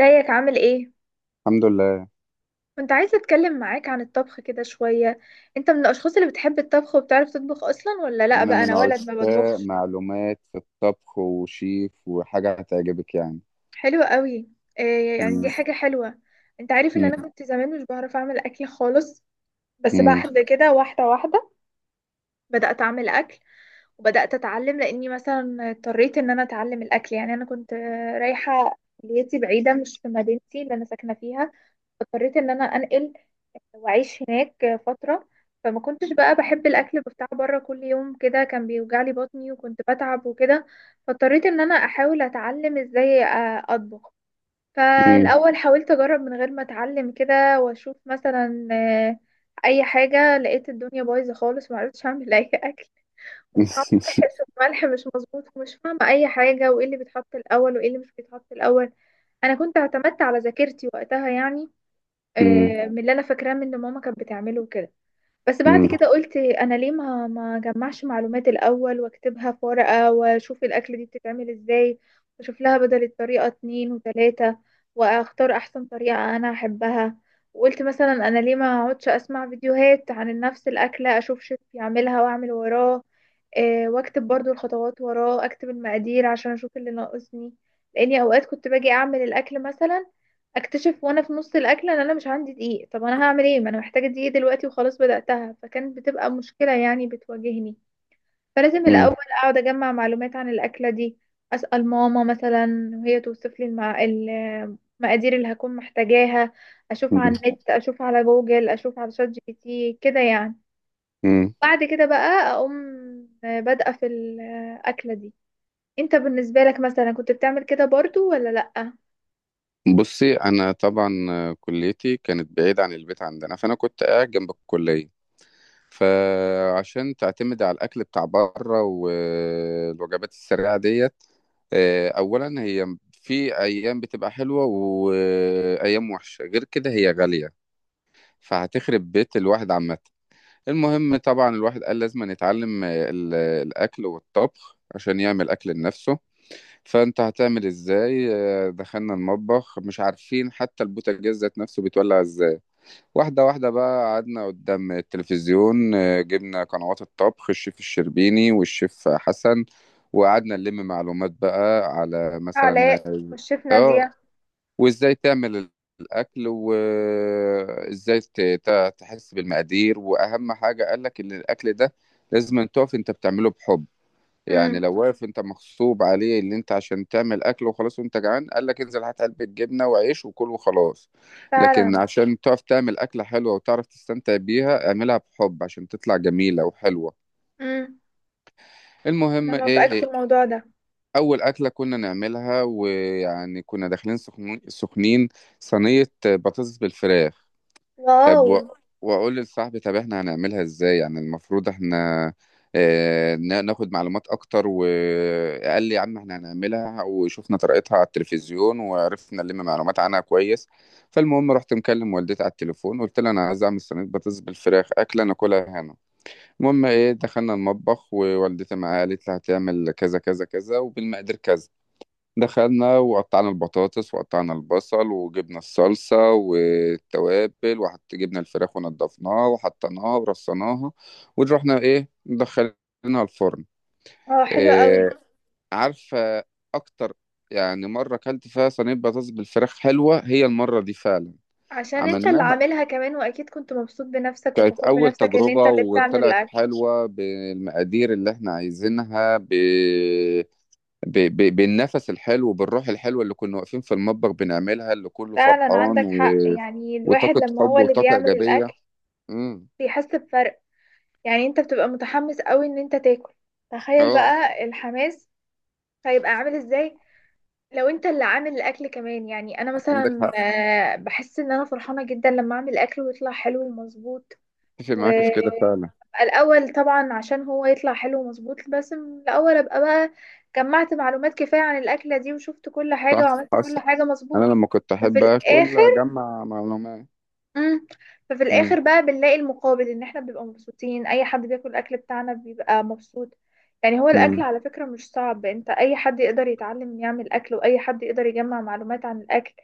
ازيك عامل ايه؟ الحمد لله. كنت عايزة اتكلم معاك عن الطبخ كده شوية. انت من الاشخاص اللي بتحب الطبخ وبتعرف تطبخ اصلا ولا لا؟ أنا بقى من انا ولد ما عشاق بطبخش. معلومات في الطبخ وشيف وحاجة هتعجبك يعني. حلو قوي. إيه يعني؟ دي مم. حاجة حلوة. انت عارف ان انا مم. كنت زمان مش بعرف اعمل اكل خالص. بس مم. بعد كده واحدة واحدة بدأت اعمل اكل. وبدأت اتعلم لاني مثلا اضطريت ان انا اتعلم الاكل. يعني انا كنت رايحة كليتي بعيدة مش في مدينتي اللي انا ساكنة فيها. اضطريت ان انا انقل وعيش هناك فترة. فما كنتش بقى بحب الأكل بتاع بره كل يوم كده، كان بيوجعلي بطني وكنت بتعب وكده. فاضطريت إن أنا أحاول أتعلم إزاي أطبخ. مم. فالأول حاولت أجرب من غير ما أتعلم كده وأشوف مثلا أي حاجة. لقيت الدنيا بايظة خالص، معرفتش أعمل أي أكل. وطعمه وحش، والملح مش مظبوط ومش فاهمة أي حاجة، وإيه اللي بيتحط الأول وإيه اللي مش بيتحط الأول. أنا كنت اعتمدت على ذاكرتي وقتها يعني. مم. من اللي أنا فاكراه من اللي ماما كانت بتعمله وكده. بس بعد مم. كده قلت انا ليه ما جمعش معلومات الاول واكتبها في ورقة واشوف الاكل دي بتتعمل ازاي. واشوف لها بدل الطريقة اتنين وتلاتة واختار احسن طريقة انا احبها. وقلت مثلا انا ليه ما اقعدش اسمع فيديوهات عن نفس الاكلة اشوف شيف يعملها واعمل وراه. واكتب برضو الخطوات وراه، اكتب المقادير عشان اشوف اللي ناقصني. لاني اوقات كنت باجي اعمل الاكل مثلا اكتشف وانا في نص الاكل ان انا مش عندي دقيق. طب انا هعمل ايه؟ ما انا محتاجه دقيق دلوقتي وخلاص بداتها. فكانت بتبقى مشكله يعني بتواجهني. فلازم الاول مم. اقعد اجمع معلومات عن الاكله دي. اسال ماما مثلا وهي توصف لي المقادير اللي هكون محتاجاها. اشوف على النت، اشوف على جوجل، اشوف على شات جي بي تي كده يعني. مم. بعد كده بقى اقوم بادئه في الاكله دي. انت بالنسبه لك مثلا كنت بتعمل كده برضو ولا لا؟ بصي، أنا طبعا كليتي كانت بعيدة عن البيت عندنا، فأنا كنت قاعد جنب الكلية. فعشان تعتمد على الأكل بتاع بره والوجبات السريعة ديت، أولا هي في أيام بتبقى حلوة وأيام وحشة، غير كده هي غالية، فهتخرب بيت الواحد عامة. المهم طبعا الواحد قال لازم يتعلم الأكل والطبخ عشان يعمل أكل لنفسه. فأنت هتعمل إزاي؟ دخلنا المطبخ مش عارفين حتى البوتاجاز ذات نفسه بيتولع إزاي. واحدة واحدة بقى قعدنا قدام التلفزيون، جبنا قنوات الطبخ الشيف الشربيني والشيف حسن، وقعدنا نلم معلومات بقى على مثلا. علاء والشيف اه. نادية. وازاي تعمل الاكل، وازاي تحس بالمقادير، واهم حاجه قال لك ان الاكل ده لازم أن تقف انت بتعمله بحب. يعني امم. لو واقف انت مغصوب عليه، اللي انت عشان تعمل اكل وخلاص وانت جعان، قال لك انزل هات علبه جبنه وعيش وكل وخلاص. لكن فعلا. عشان تقف تعمل اكله حلوه وتعرف تستمتع بيها، اعملها بحب عشان تطلع جميله وحلوه. امم. انا المهم ايه, موافقاك في إيه الموضوع ده. اول اكله كنا نعملها، ويعني كنا داخلين سخنين، صينيه بطاطس بالفراخ. طب واو. و... واقول لصاحبي، طب احنا هنعملها ازاي، يعني المفروض احنا ناخد معلومات اكتر. وقال لي يا عم احنا هنعملها، وشفنا طريقتها على التلفزيون وعرفنا نلم معلومات عنها كويس. فالمهم رحت مكلم والدتي على التليفون، قلت لها انا عايز اعمل صينيه بطاطس بالفراخ، اكله ناكلها هنا. المهم ايه، دخلنا المطبخ، ووالدتي معايا قالت لها هتعمل كذا كذا كذا وبالمقادير كذا. دخلنا وقطعنا البطاطس وقطعنا البصل وجبنا الصلصة والتوابل، وحط جبنا الفراخ ونضفناها وحطيناها ورصناها، ورحنا ايه، دخلناها الفرن. اه، حلو إيه، قوي. عارفة؟ اكتر يعني مرة اكلت فيها صينية بطاطس بالفراخ حلوة هي المرة دي فعلا. عشان انت اللي عملناها، عاملها كمان، واكيد كنت مبسوط بنفسك كانت وفخور أول بنفسك ان انت تجربة اللي بتعمل وطلعت الاكل. حلوة بالمقادير اللي احنا عايزينها، بالنفس الحلو، بالروح الحلوة اللي كنا واقفين في المطبخ بنعملها، اللي كله فعلا فرحان عندك حق، يعني الواحد وطاقة لما هو حب اللي وطاقة بيعمل الاكل إيجابية. امم. بيحس بفرق. يعني انت بتبقى متحمس قوي ان انت تاكل. تخيل اه، بقى الحماس هيبقى عامل ازاي لو انت اللي عامل الاكل كمان. يعني انا عندك مثلا حق. بحس ان انا فرحانة جدا لما اعمل اكل ويطلع حلو ومظبوط. اتفق و معاك في كده فعلا. الأول طبعا عشان هو يطلع حلو ومظبوط بس من الأول أبقى بقى جمعت معلومات كفاية عن الأكلة دي وشفت كل حاجة صح. وعملت كل حصل. حاجة أنا مظبوط. لما كنت ففي أحب آكل الآخر أجمع معلومات. مم. ففي امم. الاخر بقى بنلاقي المقابل ان احنا بنبقى مبسوطين. اي حد بياكل الاكل بتاعنا بيبقى مبسوط. يعني هو الاكل امم. على فكرة مش صعب. انت اي حد يقدر يتعلم يعمل اكل، واي حد يقدر يجمع معلومات عن الاكل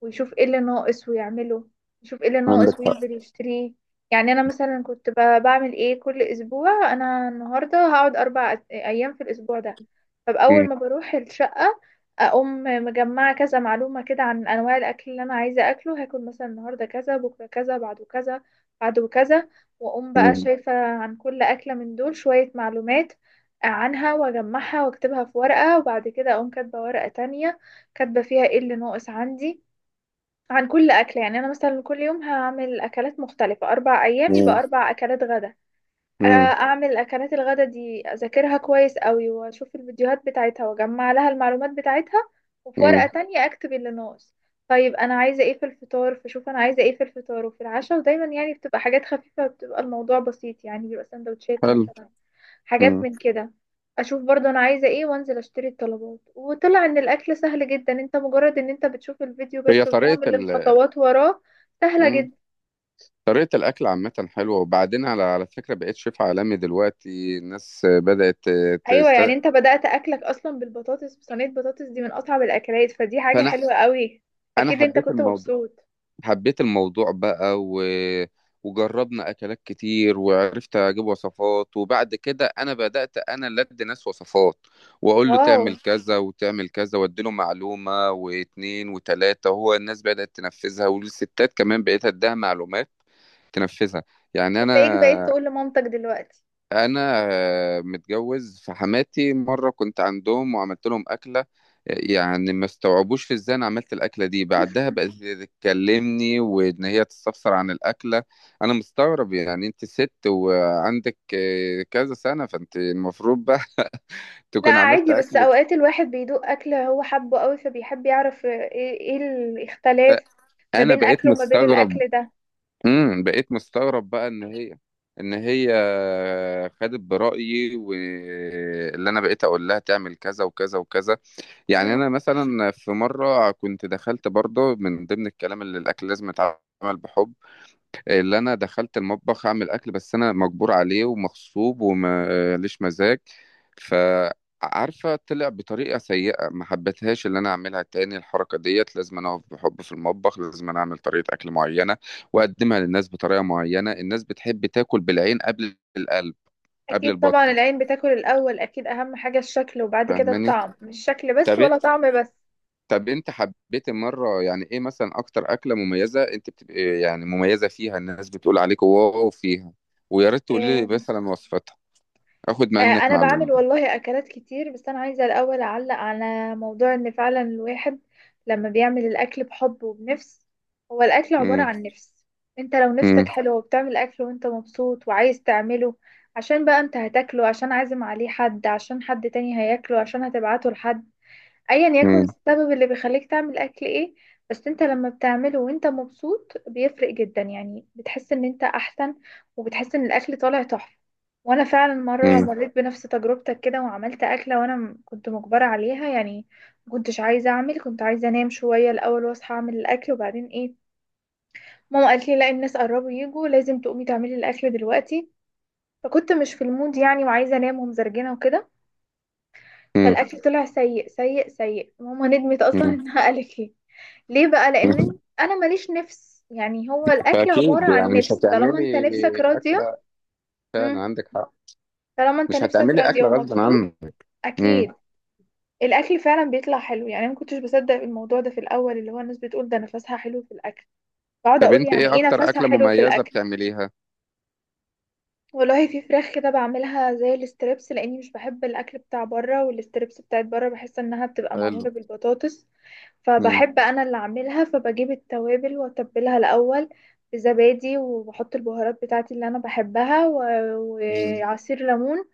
ويشوف ايه اللي ناقص ويعمله. يشوف ايه اللي ناقص عندك حق. وينزل يشتريه. يعني انا مثلا كنت بعمل ايه كل اسبوع. انا النهارده هقعد اربع ايام في الاسبوع ده. فباول امم. ما بروح الشقة اقوم مجمعه كذا معلومه كده عن انواع الاكل اللي انا عايزه اكله. هاكل مثلا النهارده كذا، بكره كذا، بعده كذا، بعده كذا. واقوم بقى امم. شايفه عن كل اكله من دول شويه معلومات عنها واجمعها واكتبها في ورقه. وبعد كده اقوم كاتبه ورقه تانية كاتبه فيها ايه اللي ناقص عندي عن كل اكله. يعني انا مثلا كل يوم هعمل اكلات مختلفه، 4 ايام يبقى امم. 4 اكلات غدا. امم. اعمل اكلات الغدا دي اذاكرها كويس قوي واشوف الفيديوهات بتاعتها واجمع لها المعلومات بتاعتها. وفي ورقة امم. تانية اكتب اللي ناقص. طيب انا عايزة ايه في الفطار؟ فشوف انا عايزة ايه في الفطار وفي العشاء. ودايما يعني بتبقى حاجات خفيفة، بتبقى الموضوع بسيط يعني، بيبقى سندوتشات حلو. مثلا، امم. حاجات من كده. اشوف برضو انا عايزة ايه وانزل اشتري الطلبات. وطلع ان الاكل سهل جدا، انت مجرد ان انت بتشوف الفيديو هي بس طريقة وبتعمل ال الخطوات وراه. سهلة امم جدا. طريقة الأكل عامة حلوة، وبعدين على فكرة بقيت شيف عالمي دلوقتي، الناس بدأت ايوه، تست... يعني انت بدأت اكلك اصلا بالبطاطس، بصينية بطاطس دي من اصعب الاكلات، فدي حاجة فأنا حلوة قوي. انا اكيد انت حبيت كنت الموضوع. مبسوط. حبيت الموضوع بقى، وجربنا اكلات كتير وعرفت اجيب وصفات. وبعد كده انا بدات انا اللي ادي ناس وصفات، واقول له واو. تعمل كذا وتعمل كذا، واديله معلومه واتنين وتلاته، هو الناس بدات تنفذها، والستات كمان بقيت اديها معلومات تنفذها. يعني هتلاقيك بقيت انا تقول لمامتك دلوقتي. انا متجوز، فحماتي مره كنت عندهم وعملت لهم اكله، يعني ما استوعبوش في ازاي انا عملت الاكله دي. بعدها بقت تكلمني وان هي تستفسر عن الاكله. انا مستغرب، يعني انت ست وعندك كذا سنه، فانت المفروض بقى لا تكون عملت عادي، بس اكلك. اوقات الواحد بيدوق اكل هو حبه قوي فبيحب يعرف ايه، إيه الاختلاف ما انا بين بقيت اكله وما بين مستغرب. الاكل ده. بقيت مستغرب بقى ان هي خدت برأيي، واللي انا بقيت اقول لها تعمل كذا وكذا وكذا. يعني مم. انا مثلا في مره كنت دخلت برضه من ضمن الكلام اللي الاكل لازم يتعمل بحب، اللي انا دخلت المطبخ اعمل اكل بس انا مجبور عليه ومغصوب ومليش مزاج. فعارفه طلع بطريقه سيئه، ما حبيتهاش اللي انا اعملها تاني. الحركه ديت، لازم انا اقف بحب في المطبخ، لازم انا اعمل طريقه اكل معينه، واقدمها للناس بطريقه معينه. الناس بتحب تاكل بالعين قبل القلب قبل اكيد طبعا، البطن. العين بتاكل الاول اكيد، اهم حاجة الشكل وبعد كده فاهماني؟ الطعم. مش شكل بس طب. ولا طعم بس. طب انت حبيت مرة، يعني ايه مثلا اكتر اكلة مميزة انت بتبقى يعني مميزة فيها، الناس بتقول عليك واو فيها؟ ويا ريت تقول لي آه، مثلا وصفتها، اخد منك انا بعمل معلومة. والله اكلات كتير، بس انا عايزه الاول اعلق على موضوع ان فعلا الواحد لما بيعمل الاكل بحب وبنفس. هو الاكل عباره مم. عن نفس. انت لو مم. نفسك حلوه وبتعمل اكل وانت مبسوط وعايز تعمله، عشان بقى انت هتاكله، عشان عازم عليه حد، عشان حد تاني هياكله، عشان هتبعته لحد، ايا يكن مم. السبب اللي بيخليك تعمل اكل ايه، بس انت لما بتعمله وانت مبسوط بيفرق جدا. يعني بتحس ان انت احسن وبتحس ان الاكل طالع تحفة. وانا فعلا مرة مم. مريت بنفس تجربتك كده وعملت اكلة وانا كنت مجبرة عليها يعني. ما كنتش عايزة اعمل، كنت عايزة انام شوية الاول واصحى اعمل الاكل وبعدين ايه. ماما قالت لي لا، الناس قربوا يجوا لازم تقومي تعملي الاكل دلوقتي. فكنت مش في المود يعني، وعايزة انام ومزرجنة وكده. مم. فالاكل طلع سيء سيء سيء. ماما ندمت اصلا مم. انها قالت لي ليه بقى، لان انا ماليش نفس. يعني هو الاكل عبارة فاكيد عن يعني مش نفس، طالما انت هتعملي نفسك راضية. اكلة. فعلا امم. عندك حق، طالما انت مش نفسك هتعملي راضية اكلة غصب ومبسوط. عنك. مم. اكيد. الاكل فعلا بيطلع حلو. يعني انا ما كنتش بصدق الموضوع ده في الاول اللي هو الناس بتقول ده نفسها حلو في الاكل. بقعد طب اقول انت يعني ايه ايه اكتر نفسها اكلة حلو في مميزة الاكل. بتعمليها؟ والله في فراخ كده بعملها زي الاستريبس، لاني مش بحب الاكل بتاع بره، والاستريبس بتاعت بره بحس انها بتبقى حلو. معموله بالبطاطس. مم. فبحب انا اللي اعملها. فبجيب التوابل واتبلها الاول بزبادي وبحط البهارات بتاعتي اللي انا بحبها و- مم. وعصير ليمون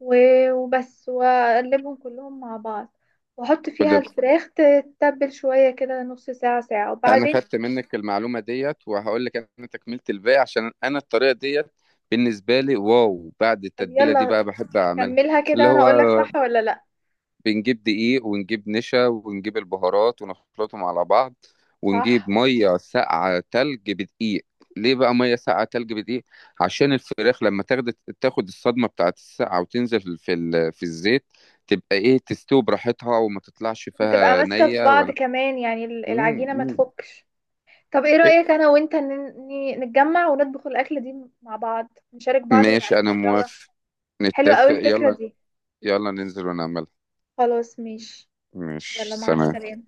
و- وبس، واقلبهم كلهم مع بعض. واحط فيها الفراخ تتبل شويه كده نص ساعه ساعه انا وبعدين. خدت منك المعلومه ديت، وهقول لك انا تكملت الباقي، عشان انا الطريقه ديت بالنسبه لي واو. بعد طب التتبيله دي بقى يلا بحب اعملها، كملها كده اللي وانا اقولك هو صح ولا لا. بنجيب دقيق ونجيب نشا ونجيب البهارات ونخلطهم على بعض، صح. ونجيب ميه ساقعه تلج بدقيق. ليه بقى ميه ساقعه تلج بدقيق؟ عشان الفراخ لما تاخد الصدمه بتاعت الساقعه، وتنزل في في الزيت، تبقى ايه، تستوي براحتها وما تطلعش وتبقى فيها ماسكة في نيه بعض ولا. كمان، يعني مم، العجينة ما مم. تفكش. طب ايه إيه، رأيك انا وانت نتجمع ونطبخ الأكلة دي مع بعض، نشارك بعض ماشي انا ونعملها سوا. موافق. حلوة قوي نتفق، الفكرة يلا. دي. يلا ننزل ونعملها. خلاص ماشي. مش يلا مع سلام. السلامة.